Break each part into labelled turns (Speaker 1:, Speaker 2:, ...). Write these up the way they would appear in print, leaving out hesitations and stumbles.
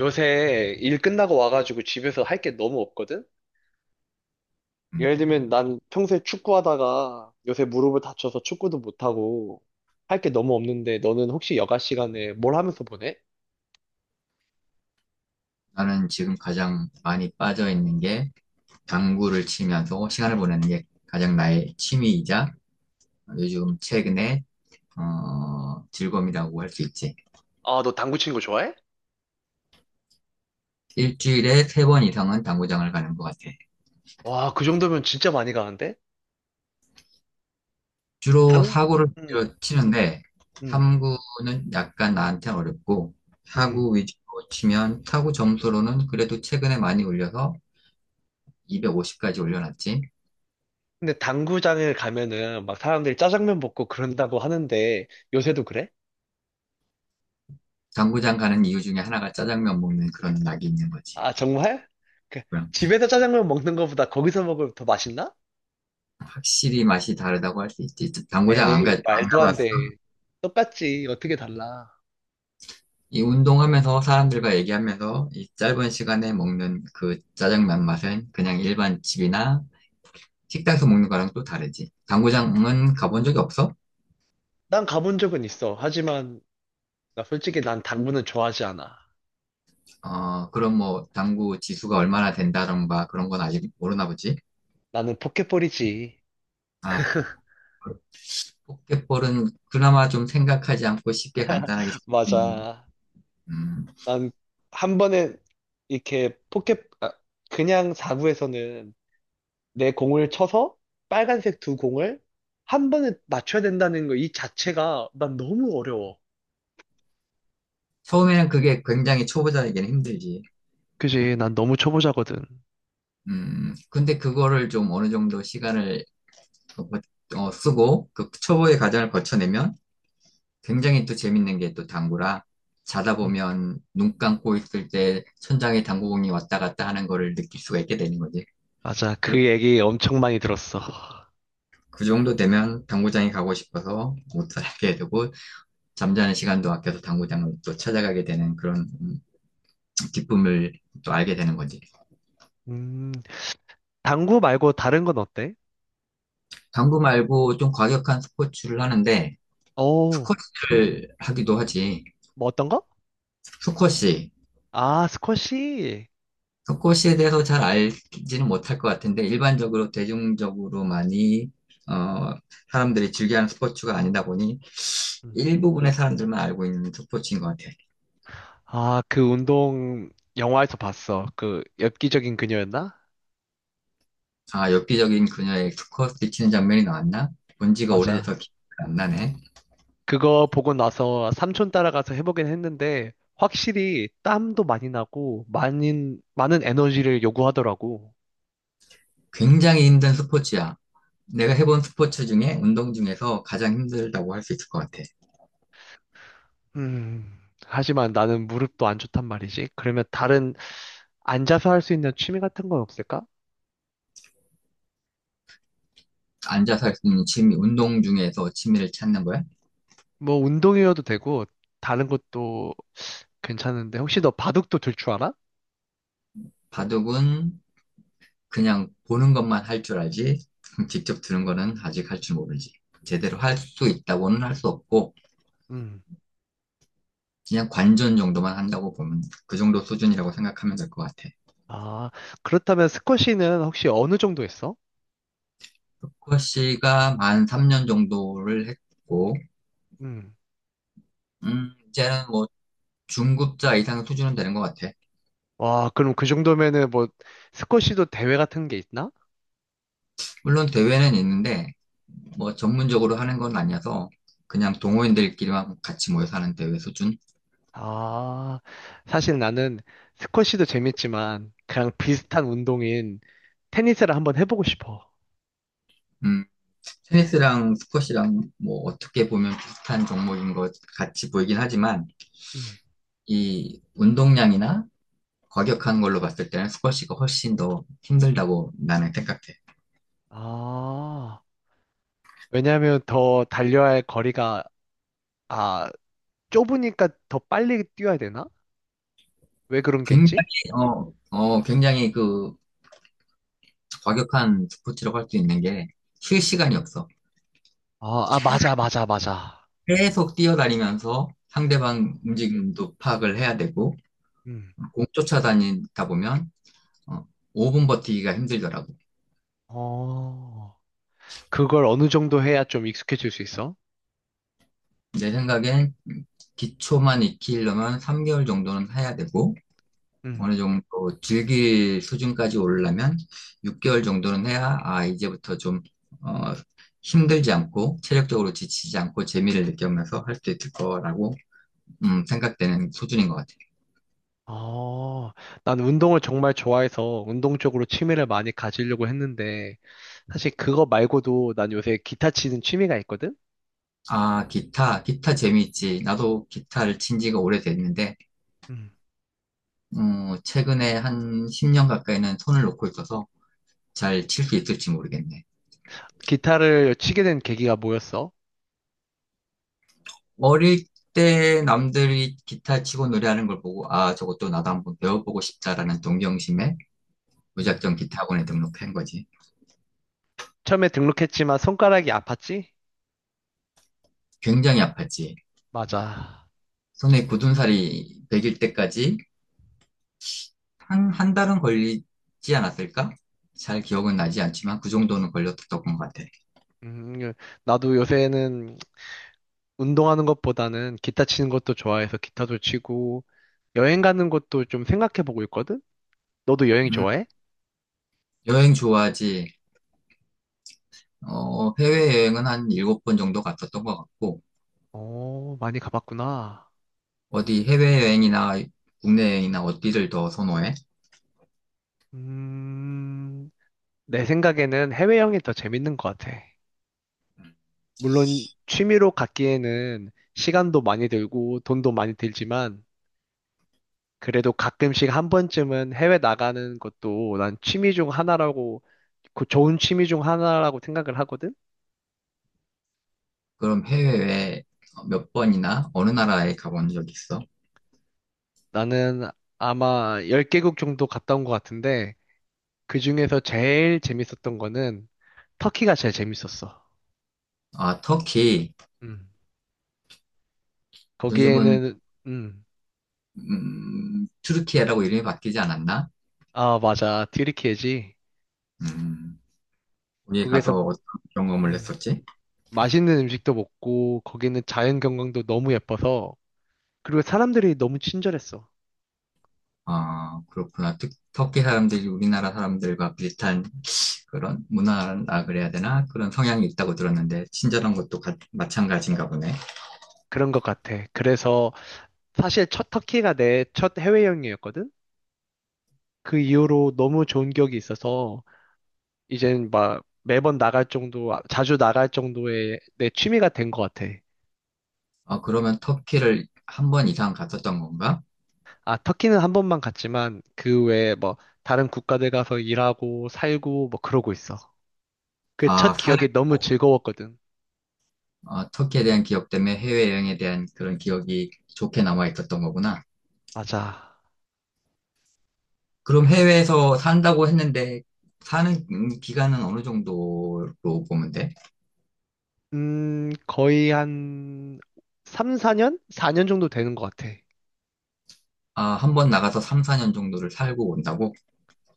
Speaker 1: 요새 일 끝나고 와가지고 집에서 할 게 너무 없거든?
Speaker 2: 음,
Speaker 1: 예를 들면 난 평소에 축구하다가 요새 무릎을 다쳐서 축구도 못하고 할 게 너무 없는데 너는 혹시 여가 시간에 뭘 하면서 보내?
Speaker 2: 나는 지금 가장 많이 빠져 있는 게 당구를 치면서 시간을 보내는 게 가장 나의 취미이자 요즘 최근에 즐거움이라고 할 수 있지.
Speaker 1: 아, 너 당구 치는 거 좋아해?
Speaker 2: 일주일에 세 번 이상은 당구장을 가는 것 같아.
Speaker 1: 와, 그 정도면 진짜 많이 가는데?
Speaker 2: 주로
Speaker 1: 당,
Speaker 2: 사구를
Speaker 1: 음,
Speaker 2: 치는데
Speaker 1: 음,
Speaker 2: 삼구는 약간 나한테 어렵고
Speaker 1: 음.
Speaker 2: 사구 위주로 치면 사구 점수로는 그래도 최근에 많이 올려서 250까지 올려놨지.
Speaker 1: 근데 당구장을 가면은 막 사람들이 짜장면 먹고 그런다고 하는데 요새도 그래?
Speaker 2: 당구장 가는 이유 중에 하나가 짜장면 먹는 그런 낙이 있는 거지.
Speaker 1: 아, 정말? 그,
Speaker 2: 그럼
Speaker 1: 집에서 짜장면 먹는 거보다 거기서 먹으면 더 맛있나?
Speaker 2: 확실히 맛이 다르다고 할 수 있지. 당구장 안 가, 안
Speaker 1: 에이, 말도 안
Speaker 2: 가봤어.
Speaker 1: 돼. 똑같지. 어떻게 달라.
Speaker 2: 이 운동하면서 사람들과 얘기하면서 이 짧은 시간에 먹는 그 짜장면 맛은 그냥 일반 집이나 식당에서 먹는 거랑 또 다르지. 당구장은 가본 적이 없어?
Speaker 1: 난 가본 적은 있어. 하지만, 나 솔직히 난 당구는 좋아하지 않아.
Speaker 2: 그럼 뭐 당구 지수가 얼마나 된다던가 그런 건 아직 모르나 보지.
Speaker 1: 나는 포켓볼이지.
Speaker 2: 아, 포켓볼은 그나마 좀 생각하지 않고 쉽게 간단하게 쓸수 있는,
Speaker 1: 맞아.
Speaker 2: 음,
Speaker 1: 난 한 번에 이렇게 포켓, 그냥 사구에서는 내 공을 쳐서 빨간색 두 공을 한 번에 맞춰야 된다는 거 이 자체가 난 너무 어려워.
Speaker 2: 처음에는 그게 굉장히 초보자에게는 힘들지.
Speaker 1: 그지, 난 너무 초보자거든.
Speaker 2: 근데 그거를 좀 어느 정도 시간을 쓰고 그 초보의 과정을 거쳐내면 굉장히 또 재밌는 게 또 당구라 자다
Speaker 1: 음,
Speaker 2: 보면 눈 감고 있을 때 천장에 당구공이 왔다 갔다 하는 거를 느낄 수가 있게 되는 거지.
Speaker 1: 맞아,
Speaker 2: 그,
Speaker 1: 그 얘기 엄청 많이 들었어.
Speaker 2: 그 정도 되면 당구장에 가고 싶어서 못 살게 되고 잠자는 시간도 아껴서 당구장을 또 찾아가게 되는 그런 기쁨을 또 알게 되는 거지.
Speaker 1: 음, 당구 말고 다른 건 어때?
Speaker 2: 당구 말고 좀 과격한 스포츠를 하는데
Speaker 1: 어,
Speaker 2: 스쿼시를 하기도 하지.
Speaker 1: 뭐 어떤 거?
Speaker 2: 스쿼시.
Speaker 1: 아, 스쿼시.
Speaker 2: 속고시에 대해서 잘 알지는 못할 것 같은데 일반적으로 대중적으로 많이 어, 사람들이 즐겨하는 스포츠가 아니다 보니
Speaker 1: 음.
Speaker 2: 일부분의 사람들만 알고 있는 스포츠인 것 같아.
Speaker 1: 아, 그 운동 영화에서 봤어. 그 엽기적인 그녀였나?
Speaker 2: 아, 엽기적인 그녀의 스쿼트 치는 장면이 나왔나? 본 지가 오래돼서
Speaker 1: 맞아.
Speaker 2: 기억이 안 나네.
Speaker 1: 그거 보고 나서 삼촌 따라가서 해보긴 했는데 확실히 땀도 많이 나고 많은 에너지를 요구하더라고.
Speaker 2: 굉장히 힘든 스포츠야. 내가 해본 스포츠 중에 운동 중에서 가장 힘들다고 할 수 있을 것 같아.
Speaker 1: 음. 하지만 나는 무릎도 안 좋단 말이지. 그러면 다른 앉아서 할 수 있는 취미 같은 건 없을까?
Speaker 2: 앉아서 할 수 있는 취미, 운동 중에서 취미를 찾는 거야?
Speaker 1: 뭐 운동이어도 되고 다른 것도 괜찮은데 혹시 너 바둑도 들 줄 알아?
Speaker 2: 바둑은 그냥 보는 것만 할 줄 알지, 직접 들은 거는 아직 할 줄 모르지. 제대로 할 수 있다고는 할 수 없고,
Speaker 1: 음
Speaker 2: 그냥 관전 정도만 한다고 보면 그 정도 수준이라고 생각하면 될 것 같아.
Speaker 1: 아, 그렇다면 스쿼시는 혹시 어느 정도 했어?
Speaker 2: 루커 씨가 만 3년 정도를 했고,
Speaker 1: 음.
Speaker 2: 이제는 뭐 중급자 이상 수준은 되는 것 같아.
Speaker 1: 와, 그럼 그 정도면은 뭐 스쿼시도 대회 같은 게 있나?
Speaker 2: 물론 대회는 있는데, 뭐 전문적으로 하는 건 아니어서 그냥 동호인들끼리만 같이 모여서 하는 대회 수준?
Speaker 1: 아, 사실 나는 스쿼시도 재밌지만 그냥 비슷한 운동인 테니스를 한번 해보고 싶어.
Speaker 2: 음, 체스랑 스쿼시랑 뭐 어떻게 보면 비슷한 종목인 것 같이 보이긴 하지만
Speaker 1: 음.
Speaker 2: 이 운동량이나 과격한 걸로 봤을 때는 스쿼시가 훨씬 더 힘들다고 나는 생각해.
Speaker 1: 아, 왜냐하면 더 달려야 할 거리가 아, 좁으니까 더 빨리 뛰어야 되나? 왜 그런 게
Speaker 2: 굉장히
Speaker 1: 있지?
Speaker 2: 굉장히 그 과격한 스포츠라고 할 수 있는 게 쉴 시간이 없어.
Speaker 1: 아, 아 맞아, 맞아, 맞아.
Speaker 2: 계속 뛰어다니면서
Speaker 1: 어.
Speaker 2: 상대방 움직임도 파악을 해야 되고
Speaker 1: 음.
Speaker 2: 공 쫓아다니다 보면 어, 5분 버티기가 힘들더라고.
Speaker 1: 어. 그걸 어느 정도 해야 좀 익숙해질 수 있어?
Speaker 2: 내 생각엔 기초만 익히려면 3개월 정도는 해야 되고,
Speaker 1: 음.
Speaker 2: 어느 정도 즐길 수준까지 오르려면 6개월 정도는 해야, 아, 이제부터 좀, 어, 힘들지 않고, 체력적으로 지치지 않고, 재미를 느끼면서 할 수 있을 거라고, 생각되는 수준인 것 같아요.
Speaker 1: 어, 난 운동을 정말 좋아해서 운동 쪽으로 취미를 많이 가지려고 했는데, 사실 그거 말고도 난 요새 기타 치는 취미가 있거든?
Speaker 2: 아, 기타, 기타 재미있지. 나도 기타를 친 지가 오래됐는데,
Speaker 1: 음.
Speaker 2: 최근에 한 10년 가까이는 손을 놓고 있어서 잘 칠 수 있을지 모르겠네.
Speaker 1: 기타를 치게 된 계기가 뭐였어?
Speaker 2: 어릴 때 남들이 기타 치고 노래하는 걸 보고, 아, 저것도 나도 한번 배워보고 싶다라는 동경심에
Speaker 1: 음.
Speaker 2: 무작정 기타 학원에 등록한 거지.
Speaker 1: 처음에 등록했지만 손가락이 아팠지?
Speaker 2: 굉장히 아팠지.
Speaker 1: 맞아.
Speaker 2: 손에 굳은 살이 배길 때까지 한, 한 달은 걸리지 않았을까? 잘 기억은 나지 않지만 그 정도는 걸렸던 것 같아.
Speaker 1: 음, 나도 요새는 운동하는 것보다는 기타 치는 것도 좋아해서 기타도 치고, 여행 가는 것도 좀 생각해보고 있거든? 너도 여행
Speaker 2: 음,
Speaker 1: 좋아해?
Speaker 2: 여행 좋아하지. 해외여행은 한 일곱 번 정도 갔었던 것 같고,
Speaker 1: 많이 가봤구나.
Speaker 2: 어디 해외여행이나 국내 여행이나 어디를 더 선호해?
Speaker 1: 음, 내 생각에는 해외여행이 더 재밌는 것 같아. 물론 취미로 갖기에는 시간도 많이 들고 돈도 많이 들지만 그래도 가끔씩 한 번쯤은 해외 나가는 것도 난 취미 중 하나라고, 그 좋은 취미 중 하나라고 생각을 하거든?
Speaker 2: 그럼 해외에 몇 번이나 어느 나라에 가본 적 있어?
Speaker 1: 나는 아마 10개국 정도 갔다 온 것 같은데 그 중에서 제일 재밌었던 거는 터키가 제일 재밌었어.
Speaker 2: 아, 터키.
Speaker 1: 음.
Speaker 2: 요즘은
Speaker 1: 거기에는, 음.
Speaker 2: 튀르키예라고 이름이 바뀌지 않았나?
Speaker 1: 아, 맞아. 튀르키예지.
Speaker 2: 음, 거기
Speaker 1: 거기에서
Speaker 2: 가서 어떤 경험을
Speaker 1: 음,
Speaker 2: 했었지?
Speaker 1: 맛있는 음식도 먹고 거기는 자연 경관도 너무 예뻐서 그리고 사람들이 너무 친절했어.
Speaker 2: 아, 그렇구나. 터키 사람들이 우리나라 사람들과 비슷한 그런 문화라 그래야 되나? 그런 성향이 있다고 들었는데 친절한 것도 마찬가지인가 보네.
Speaker 1: 그런 것 같아. 그래서 사실 첫 터키가 내 첫 해외여행이었거든. 그 이후로 너무 좋은 기억이 있어서 이젠 막 매번 나갈 정도, 자주 나갈 정도의 내 취미가 된 것 같아.
Speaker 2: 아, 그러면 터키를 한 번 이상 갔었던 건가?
Speaker 1: 아, 터키는 한 번만 갔지만 그 외에 뭐 다른 국가들 가서 일하고 살고 뭐 그러고 있어. 그
Speaker 2: 아,
Speaker 1: 첫
Speaker 2: 사회
Speaker 1: 기억이 너무 즐거웠거든.
Speaker 2: 터키에 대한 기억 때문에 해외여행에 대한 그런 기억이 좋게 남아 있었던 거구나.
Speaker 1: 맞아.
Speaker 2: 그럼 해외에서 산다고 했는데, 사는 기간은 어느 정도로 보면 돼?
Speaker 1: 거의 한 3, 4년? 4년 정도 되는 것 같아.
Speaker 2: 아, 한 번 나가서 3, 4년 정도를 살고 온다고?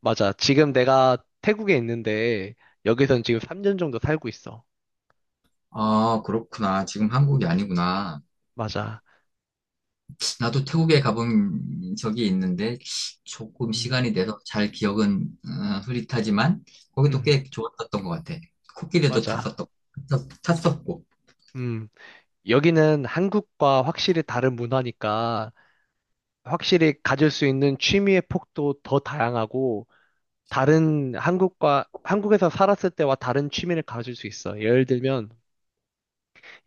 Speaker 1: 맞아. 지금 내가 태국에 있는데, 여기선 지금 3년 정도 살고 있어.
Speaker 2: 아, 그렇구나. 지금 한국이 아니구나.
Speaker 1: 맞아.
Speaker 2: 나도 태국에 가본 적이 있는데, 조금
Speaker 1: 음,
Speaker 2: 시간이 돼서 잘 기억은 흐릿하지만, 거기도
Speaker 1: 음,
Speaker 2: 꽤 좋았었던 것 같아. 코끼리도
Speaker 1: 맞아.
Speaker 2: 탔었던, 탔었고.
Speaker 1: 음, 여기는 한국과 확실히 다른 문화니까, 확실히 가질 수 있는 취미의 폭도 더 다양하고, 다른 한국과, 한국에서 살았을 때와 다른 취미를 가질 수 있어. 예를 들면,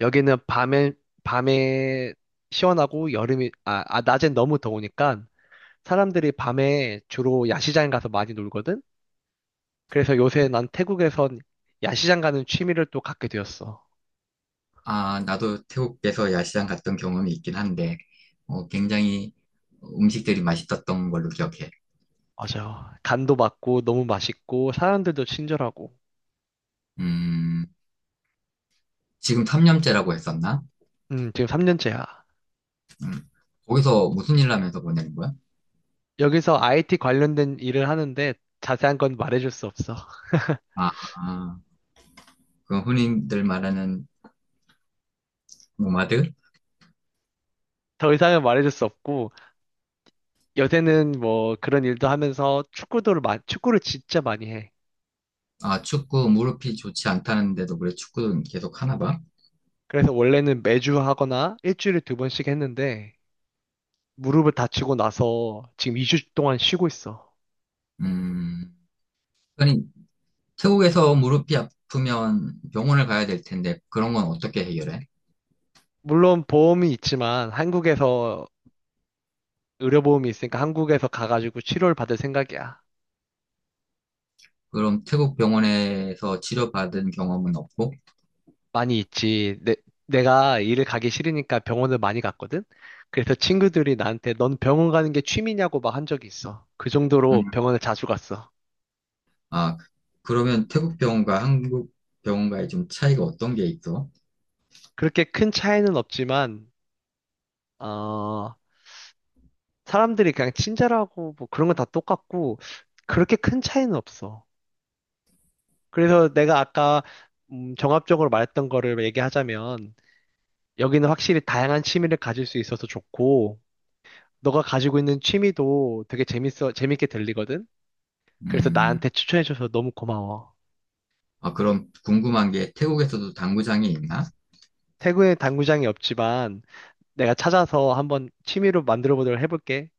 Speaker 1: 여기는 밤에, 밤에 시원하고 여름이, 낮엔 너무 더우니까 사람들이 밤에 주로 야시장 가서 많이 놀거든? 그래서 요새 난 태국에선 야시장 가는 취미를 또 갖게 되었어.
Speaker 2: 아, 나도 태국에서 야시장 갔던 경험이 있긴 한데, 굉장히 음식들이 맛있었던 걸로 기억해.
Speaker 1: 맞아. 간도 맞고 너무 맛있고 사람들도 친절하고.
Speaker 2: 음, 지금 3년째라고 했었나?
Speaker 1: 지금 3년째야.
Speaker 2: 음, 거기서 무슨 일 하면서 보내는 거야?
Speaker 1: 여기서 IT 관련된 일을 하는데 자세한 건 말해줄 수 없어.
Speaker 2: 아, 아, 그 흔히들 말하는 노마드?
Speaker 1: 더 이상은 말해줄 수 없고 요새는 뭐 그런 일도 하면서 축구를 진짜 많이 해.
Speaker 2: 아, 축구 무릎이 좋지 않다는데도 그래 축구는 계속 하나 봐?
Speaker 1: 그래서 원래는 매주 하거나 일주일에 두 번씩 했는데 무릎을 다치고 나서 지금 2주 동안 쉬고 있어.
Speaker 2: 음, 아니, 태국에서 무릎이 아프면 병원을 가야 될 텐데, 그런 건 어떻게 해결해?
Speaker 1: 물론 보험이 있지만 한국에서 의료보험이 있으니까 한국에서 가가지고 치료를 받을 생각이야.
Speaker 2: 그럼 태국 병원에서 치료받은 경험은 없고?
Speaker 1: 많이 있지. 내가 일을 가기 싫으니까 병원을 많이 갔거든. 그래서 친구들이 나한테 넌 병원 가는 게 취미냐고 막 한 적이 있어. 그 정도로
Speaker 2: 음,
Speaker 1: 병원을 자주 갔어.
Speaker 2: 아, 그러면 태국 병원과 한국 병원과의 좀 차이가 어떤 게 있어?
Speaker 1: 그렇게 큰 차이는 없지만 어, 사람들이 그냥 친절하고 뭐 그런 건 다 똑같고 그렇게 큰 차이는 없어. 그래서 내가 아까 종합적으로 말했던 거를 얘기하자면 여기는 확실히 다양한 취미를 가질 수 있어서 좋고 너가 가지고 있는 취미도 되게 재밌어 재밌게 들리거든. 그래서
Speaker 2: 음,
Speaker 1: 나한테 추천해줘서 너무 고마워.
Speaker 2: 아, 그럼 궁금한 게 태국에서도 당구장이 있나?
Speaker 1: 태국에 당구장이 없지만 내가 찾아서 한번 취미로 만들어 보도록 해볼게.